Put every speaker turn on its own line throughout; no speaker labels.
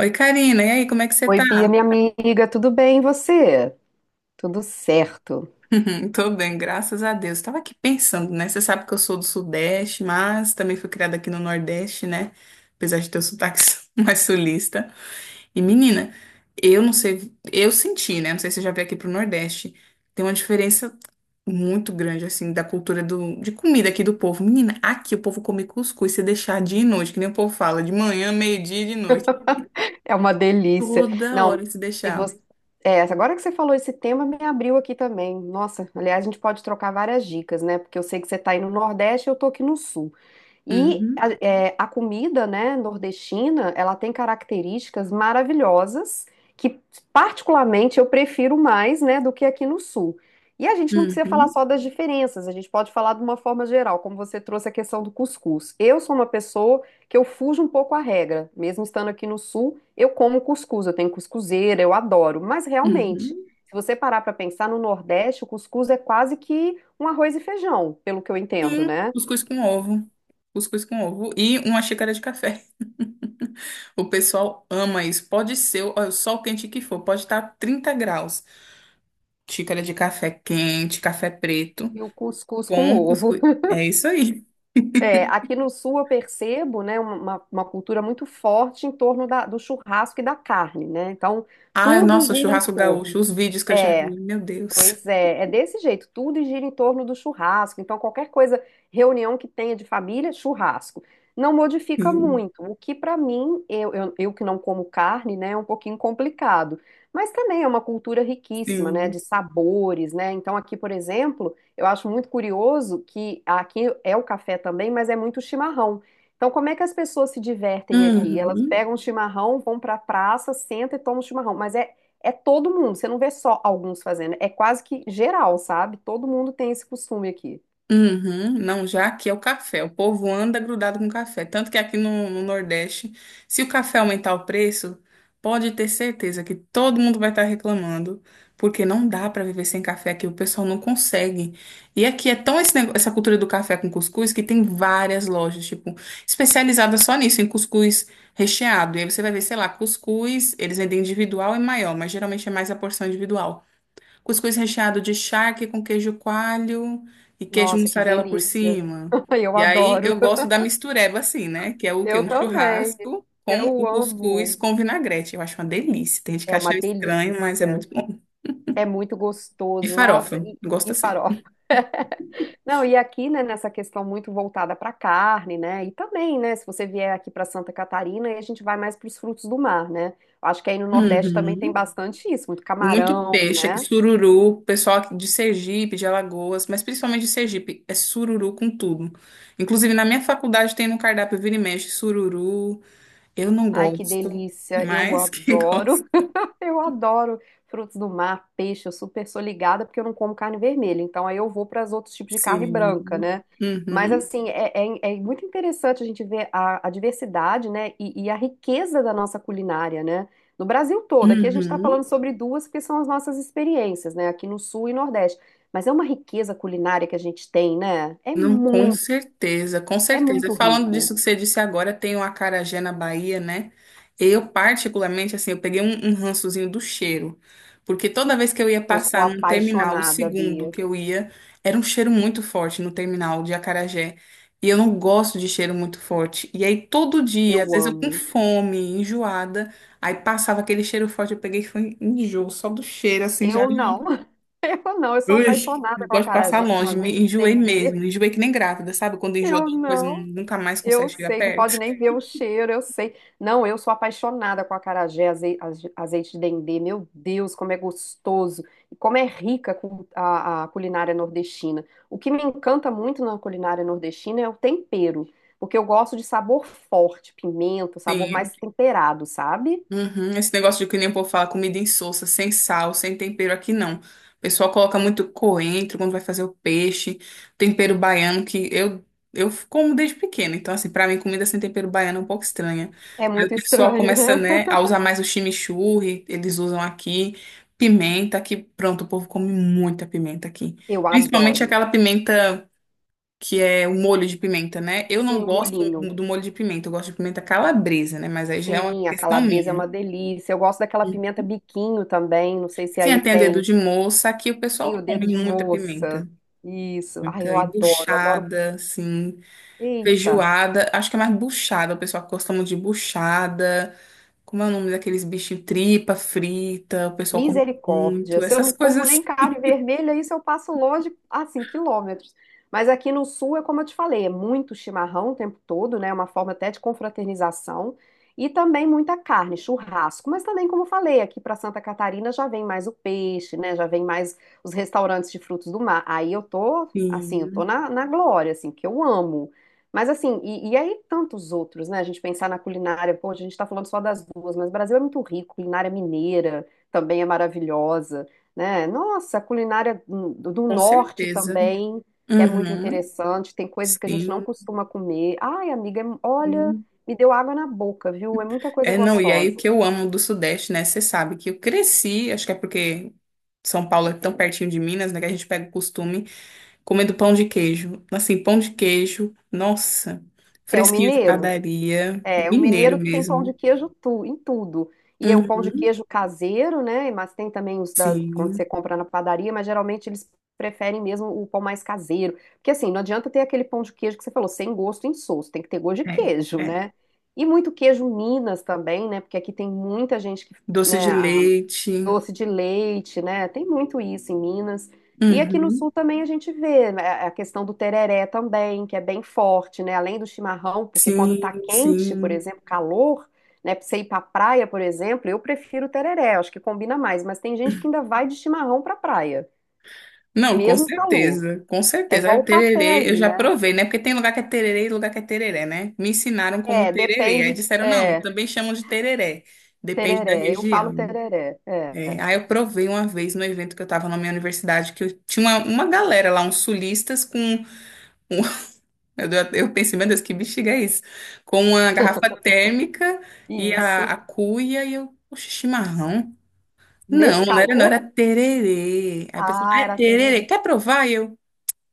Oi, Karina, e aí, como é que você
Oi,
tá?
Bia, minha amiga, tudo bem? E você? Tudo certo.
Tô bem, graças a Deus. Tava aqui pensando, né? Você sabe que eu sou do Sudeste, mas também fui criada aqui no Nordeste, né? Apesar de ter o sotaque mais sulista. E menina, eu senti, né? Não sei se você já veio aqui pro Nordeste. Tem uma diferença muito grande, assim, da de comida aqui do povo. Menina, aqui o povo come cuscuz se deixar dia e noite, que nem o povo fala, de manhã, meio-dia e de noite.
É uma delícia.
Toda
Não,
hora se
se
deixar.
você... É, agora que você falou esse tema, me abriu aqui também. Nossa, aliás, a gente pode trocar várias dicas, né? Porque eu sei que você está aí no Nordeste e eu tô aqui no Sul. E a,
Uhum,
é, a comida, né, nordestina, ela tem características maravilhosas que, particularmente, eu prefiro mais, né, do que aqui no sul. E a gente não precisa falar
uhum,
só das diferenças, a gente pode falar de uma forma geral, como você trouxe a questão do cuscuz. Eu sou uma pessoa que eu fujo um pouco à regra, mesmo estando aqui no sul, eu como cuscuz, eu tenho cuscuzeira, eu adoro, mas realmente,
uhum.
se você parar para pensar no Nordeste, o cuscuz é quase que um arroz e feijão, pelo que eu entendo,
Sim,
né?
cuscuz com ovo. Cuscuz com ovo e uma xícara de café. O pessoal ama isso. Pode ser o sol quente que for, pode estar 30 graus. Xícara de café quente, café preto,
E o cuscuz com
com
ovo.
cuscuz. É isso aí.
É, aqui no sul eu percebo, né, uma cultura muito forte em torno do churrasco e da carne, né? Então,
Ai,
tudo
nossa, o
gira em
churrasco gaúcho,
torno.
os vídeos que eu já
É,
vi, meu Deus.
pois é, é desse jeito, tudo gira em torno do churrasco. Então, qualquer coisa, reunião que tenha de família, churrasco. Não modifica
Sim,
muito, o que para mim, eu que não como carne, né, é um pouquinho complicado. Mas também é uma cultura riquíssima, né,
sim.
de sabores, né? Então, aqui, por exemplo, eu acho muito curioso que aqui é o café também, mas é muito chimarrão. Então, como é que as pessoas se divertem aqui? Elas
Uhum.
pegam o chimarrão, vão para a praça, sentam e tomam chimarrão. Mas é todo mundo, você não vê só alguns fazendo, é quase que geral, sabe? Todo mundo tem esse costume aqui.
Uhum, não, já aqui é o café. O povo anda grudado com café. Tanto que aqui no Nordeste, se o café aumentar o preço, pode ter certeza que todo mundo vai estar reclamando, porque não dá para viver sem café aqui, o pessoal não consegue. E aqui é tão essa cultura do café com cuscuz que tem várias lojas, tipo, especializadas só nisso, em cuscuz recheado. E aí você vai ver, sei lá, cuscuz, eles vendem individual e maior, mas geralmente é mais a porção individual. Cuscuz recheado de charque com queijo coalho e queijo
Nossa, que
mussarela por
delícia.
cima.
Eu
E aí
adoro.
eu gosto da mistureba assim, né? Que é o quê?
Eu
Um
também.
churrasco com
Eu
o cuscuz
amo.
com vinagrete. Eu acho uma delícia. Tem gente que
É uma
acha estranho, mas é
delícia.
muito bom.
É muito
E
gostoso.
farofa,
Nossa,
eu gosto
e
assim.
farofa. Não, e aqui, né, nessa questão muito voltada para carne, né? E também, né, se você vier aqui para Santa Catarina, aí a gente vai mais para os frutos do mar, né? Acho que aí no Nordeste também tem
Uhum.
bastante isso, muito
Muito
camarão,
peixe aqui,
né?
sururu, pessoal aqui de Sergipe, de Alagoas, mas principalmente de Sergipe, é sururu com tudo. Inclusive, na minha faculdade tem no cardápio vira e mexe sururu. Eu não
Ai, que
gosto,
delícia. Eu
mas quem gosta.
adoro. Eu adoro frutos do mar, peixe, eu super sou ligada porque eu não como carne vermelha, então aí eu vou para os outros tipos de carne branca,
Sim.
né? Mas
Uhum.
assim, é muito interessante a gente ver a diversidade, né? E a riqueza da nossa culinária, né? No Brasil todo, aqui a gente está falando
Uhum.
sobre duas que são as nossas experiências, né? Aqui no Sul e Nordeste. Mas é uma riqueza culinária que a gente tem, né?
Não, com certeza, com
É
certeza.
muito
Falando disso
rico.
que você disse agora, tem o acarajé na Bahia, né? Eu, particularmente, assim, eu peguei um rançozinho do cheiro. Porque toda vez que eu ia
Eu sou
passar num terminal, o
apaixonada,
segundo
Bia.
que eu ia, era um cheiro muito forte no terminal de acarajé. E eu não gosto de cheiro muito forte. E aí, todo dia, às
Eu
vezes eu com
amo.
fome, enjoada, aí passava aquele cheiro forte, eu peguei e foi enjoo, só do cheiro, assim, já.
Eu não. Eu não, eu sou
Ui,
apaixonada
eu
com
gosto de passar
acarajé, com
longe, me
azeite de
enjoei mesmo,
dendê.
enjoei que nem grávida, sabe? Quando enjoa
Eu
de uma coisa,
não,
nunca mais consegue
eu
chegar
sei, não pode
perto.
nem ver o cheiro, eu sei. Não, eu sou apaixonada com acarajé, azeite de dendê. Meu Deus, como é gostoso e como é rica com a culinária nordestina. O que me encanta muito na culinária nordestina é o tempero, porque eu gosto de sabor forte, pimenta, sabor
Sim.
mais temperado, sabe?
Uhum. Esse negócio de que nem o povo fala, comida insossa, sem sal, sem tempero aqui não. O pessoal coloca muito coentro quando vai fazer o peixe, tempero baiano que eu como desde pequena. Então assim, pra mim comida sem tempero baiano é um pouco estranha.
É
Aí o
muito
pessoal
estranho,
começa,
né?
né, a usar mais o chimichurri, eles usam aqui pimenta, que pronto, o povo come muita pimenta aqui.
Eu
Principalmente
adoro.
aquela pimenta que é o molho de pimenta, né? Eu não
Sim, o
gosto
molhinho.
do molho de pimenta, eu gosto de pimenta calabresa, né? Mas aí já é uma
Sim, a
questão
calabresa é uma
minha.
delícia. Eu gosto daquela pimenta biquinho também. Não sei se
Sim,
aí
é, tem dedo
tem.
de moça. Aqui o
Sim, o
pessoal
dedo
come
de
muita
moça.
pimenta.
Isso. Ai,
Muita.
eu
E
adoro, adoro.
buchada, assim.
Eita!
Feijoada. Acho que é mais buchada. O pessoal gosta muito de buchada. Como é o nome daqueles bichinhos? Tripa frita. O pessoal come
Misericórdia.
muito.
Se eu
Essas
não como
coisas,
nem carne vermelha, isso eu passo longe, assim, quilômetros. Mas aqui no sul é como eu te falei, é muito chimarrão o tempo todo, né? É uma forma até de confraternização. E também muita carne, churrasco. Mas também, como eu falei, aqui para Santa Catarina já vem mais o peixe, né? Já vem mais os restaurantes de frutos do mar. Aí eu tô, assim, eu tô
sim.
na glória, assim, que eu amo. Mas assim, e aí tantos outros, né? A gente pensar na culinária, pô, a gente tá falando só das duas, mas o Brasil é muito rico, culinária mineira também é maravilhosa, né? Nossa, a culinária do
Com
norte
certeza.
também, que é muito
Uhum.
interessante, tem coisas que a gente não
Sim,
costuma comer. Ai, amiga, olha,
sim.
me deu água na boca, viu? É muita coisa
É, não. E aí o
gostosa.
que eu amo do Sudeste, né? Você sabe que eu cresci. Acho que é porque. São Paulo é tão pertinho de Minas, né, que a gente pega o costume comendo pão de queijo. Assim, pão de queijo, nossa,
É o
fresquinho de
mineiro.
padaria,
É, o
mineiro
mineiro tem pão de
mesmo.
queijo tu, em tudo. E é o pão de
Uhum,
queijo caseiro, né? Mas tem também os da, quando você
sim,
compra na padaria, mas geralmente eles preferem mesmo o pão mais caseiro. Porque assim, não adianta ter aquele pão de queijo que você falou, sem gosto insosso, tem que ter gosto de
é,
queijo,
é.
né? E muito queijo Minas também, né? Porque aqui tem muita gente que,
Doce de
né,
leite.
doce de leite, né? Tem muito isso em Minas. E aqui no sul
Uhum,
também a gente vê né, a questão do tereré também, que é bem forte, né? Além do chimarrão, porque quando
sim,
tá quente, por
sim.
exemplo, calor, né? Pra você ir pra praia, por exemplo, eu prefiro o tereré, acho que combina mais. Mas tem gente que ainda vai de chimarrão pra praia,
Não, com
mesmo calor.
certeza, com
É
certeza.
igual o
Aí,
café
Tererê, eu
aí,
já
né?
provei, né? Porque tem lugar que é tererê e lugar que é tereré, né? Me ensinaram como
É,
tererê. Aí
depende.
disseram, não,
É,
também chamam de tereré. Depende da
tereré. Eu falo
região.
tereré. É,
É, aí eu provei uma vez no evento que eu tava na minha universidade, que eu tinha uma galera lá, uns sulistas com... um- eu pensei, meu Deus, que bexiga é isso? Com uma garrafa térmica e
isso.
a cuia, e eu, poxa, chimarrão?
Nesse
Não, não era, não,
calor,
era tererê. Aí eu pensei,
ah,
ai,
era
tererê,
tereré.
quer provar? E eu,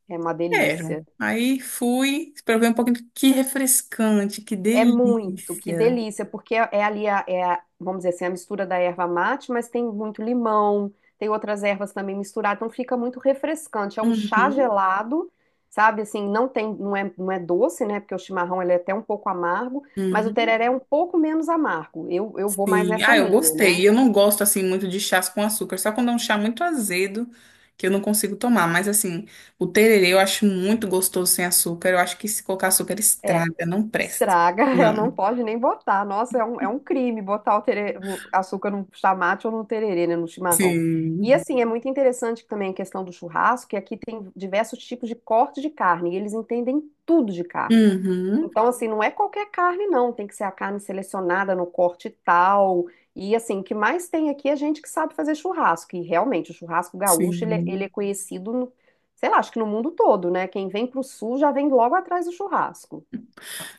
É uma
quero.
delícia.
Aí fui, provei um pouquinho, que refrescante, que
Que
delícia.
delícia, porque é ali vamos dizer assim, a mistura da erva mate, mas tem muito limão, tem outras ervas também misturadas, então fica muito refrescante. É um chá
Uhum,
gelado, sabe? Assim, não tem, não é doce, né? Porque o chimarrão ele é até um pouco amargo, mas o
uhum.
tereré é um pouco menos amargo. Eu vou mais
Sim,
nessa
ah, eu
linha, né?
gostei. Eu não gosto assim muito de chás com açúcar, só quando é um chá muito azedo que eu não consigo tomar. Mas assim, o tererê eu acho muito gostoso sem açúcar. Eu acho que se colocar açúcar
É.
estraga, não presta.
Estraga, é,
Não.
não pode nem botar. Nossa, é um crime botar o açúcar no chamate ou no tererê, né, no chimarrão. E
Sim.
assim, é muito interessante também a questão do churrasco, que aqui tem diversos tipos de corte de carne, e eles entendem tudo de carne.
Uhum.
Então, assim, não é qualquer carne, não. Tem que ser a carne selecionada no corte tal. E assim, o que mais tem aqui é gente que sabe fazer churrasco. E realmente, o churrasco gaúcho, ele
Sim.
é conhecido, sei lá, acho que no mundo todo, né? Quem vem pro sul já vem logo atrás do churrasco.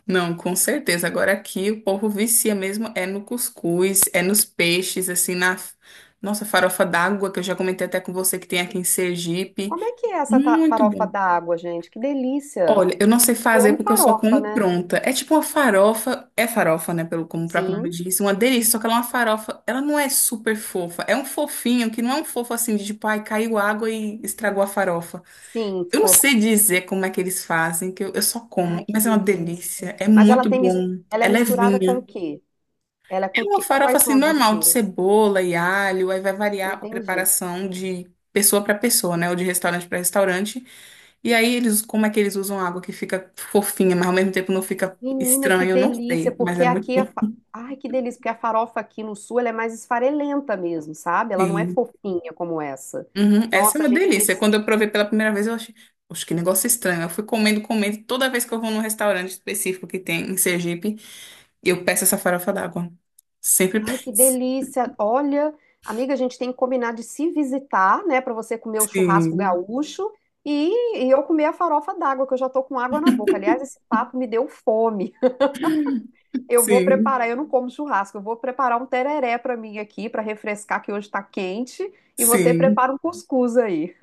Não, com certeza. Agora aqui o povo vicia mesmo é no cuscuz, é nos peixes, assim, na nossa farofa d'água, que eu já comentei até com você que tem aqui em Sergipe.
Como é que é essa
Muito
farofa
bom.
d'água, gente? Que delícia!
Olha, eu não sei
Eu
fazer
amo
porque eu só
farofa,
como
né?
pronta. É tipo uma farofa, é farofa, né? Pelo como o próprio nome
Sim,
diz, uma delícia. Só que ela é uma farofa, ela não é super fofa. É um fofinho que não é um fofo assim de tipo, ai, caiu água e estragou a farofa.
sim,
Eu não
ficou.
sei dizer como é que eles fazem, que eu só como,
Ai, que
mas é uma
delícia!
delícia. É
Mas ela
muito
tem,
bom.
ela é
É
misturada com
levinha.
o quê? Ela é com
É
o
uma
quê?
farofa
Quais são
assim
as
normal, de
misturas?
cebola e alho, aí vai variar a
Entendi.
preparação de pessoa para pessoa, né? Ou de restaurante para restaurante. E aí eles, como é que eles usam água que fica fofinha, mas ao mesmo tempo não fica
Menina, que
estranho, eu não
delícia!
sei, mas
Porque
é muito
aqui a
bom.
fa... Ai, que delícia! Porque a farofa aqui no sul ela é mais esfarelenta mesmo, sabe? Ela não é
Sim.
fofinha como essa.
Uhum. Essa é
Nossa, a
uma
gente...
delícia. Quando eu provei pela primeira vez, eu achei, poxa, que negócio estranho. Eu fui comendo, comendo, toda vez que eu vou num restaurante específico que tem em Sergipe, eu peço essa farofa d'água. Sempre
Ai, que
peço.
delícia! Olha, amiga, a gente tem que combinar de se visitar, né, para você comer o churrasco
Sim,
gaúcho e eu comer a farofa d'água, que eu já tô com água na boca. Aliás, esse papo me deu fome. Eu vou
sim,
preparar, eu não como churrasco, eu vou preparar um tereré para mim aqui, para refrescar, que hoje tá quente, e você
sim.
prepara um cuscuz aí.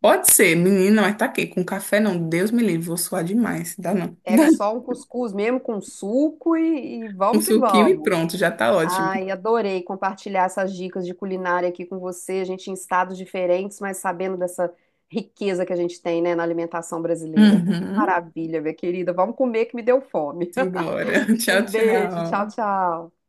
Pode ser, menina, mas tá aqui. Com café não, Deus me livre, vou suar demais. Dá não.
Pega só um cuscuz mesmo com suco e
Um
vamos que
suquinho e
vamos.
pronto, já tá ótimo.
Ai, adorei compartilhar essas dicas de culinária aqui com você. A gente em estados diferentes, mas sabendo dessa riqueza que a gente tem, né, na alimentação brasileira.
Uhum.
Maravilha, minha querida. Vamos comer que me deu fome.
Simbora. Tchau,
Um beijo, tchau,
tchau.
tchau.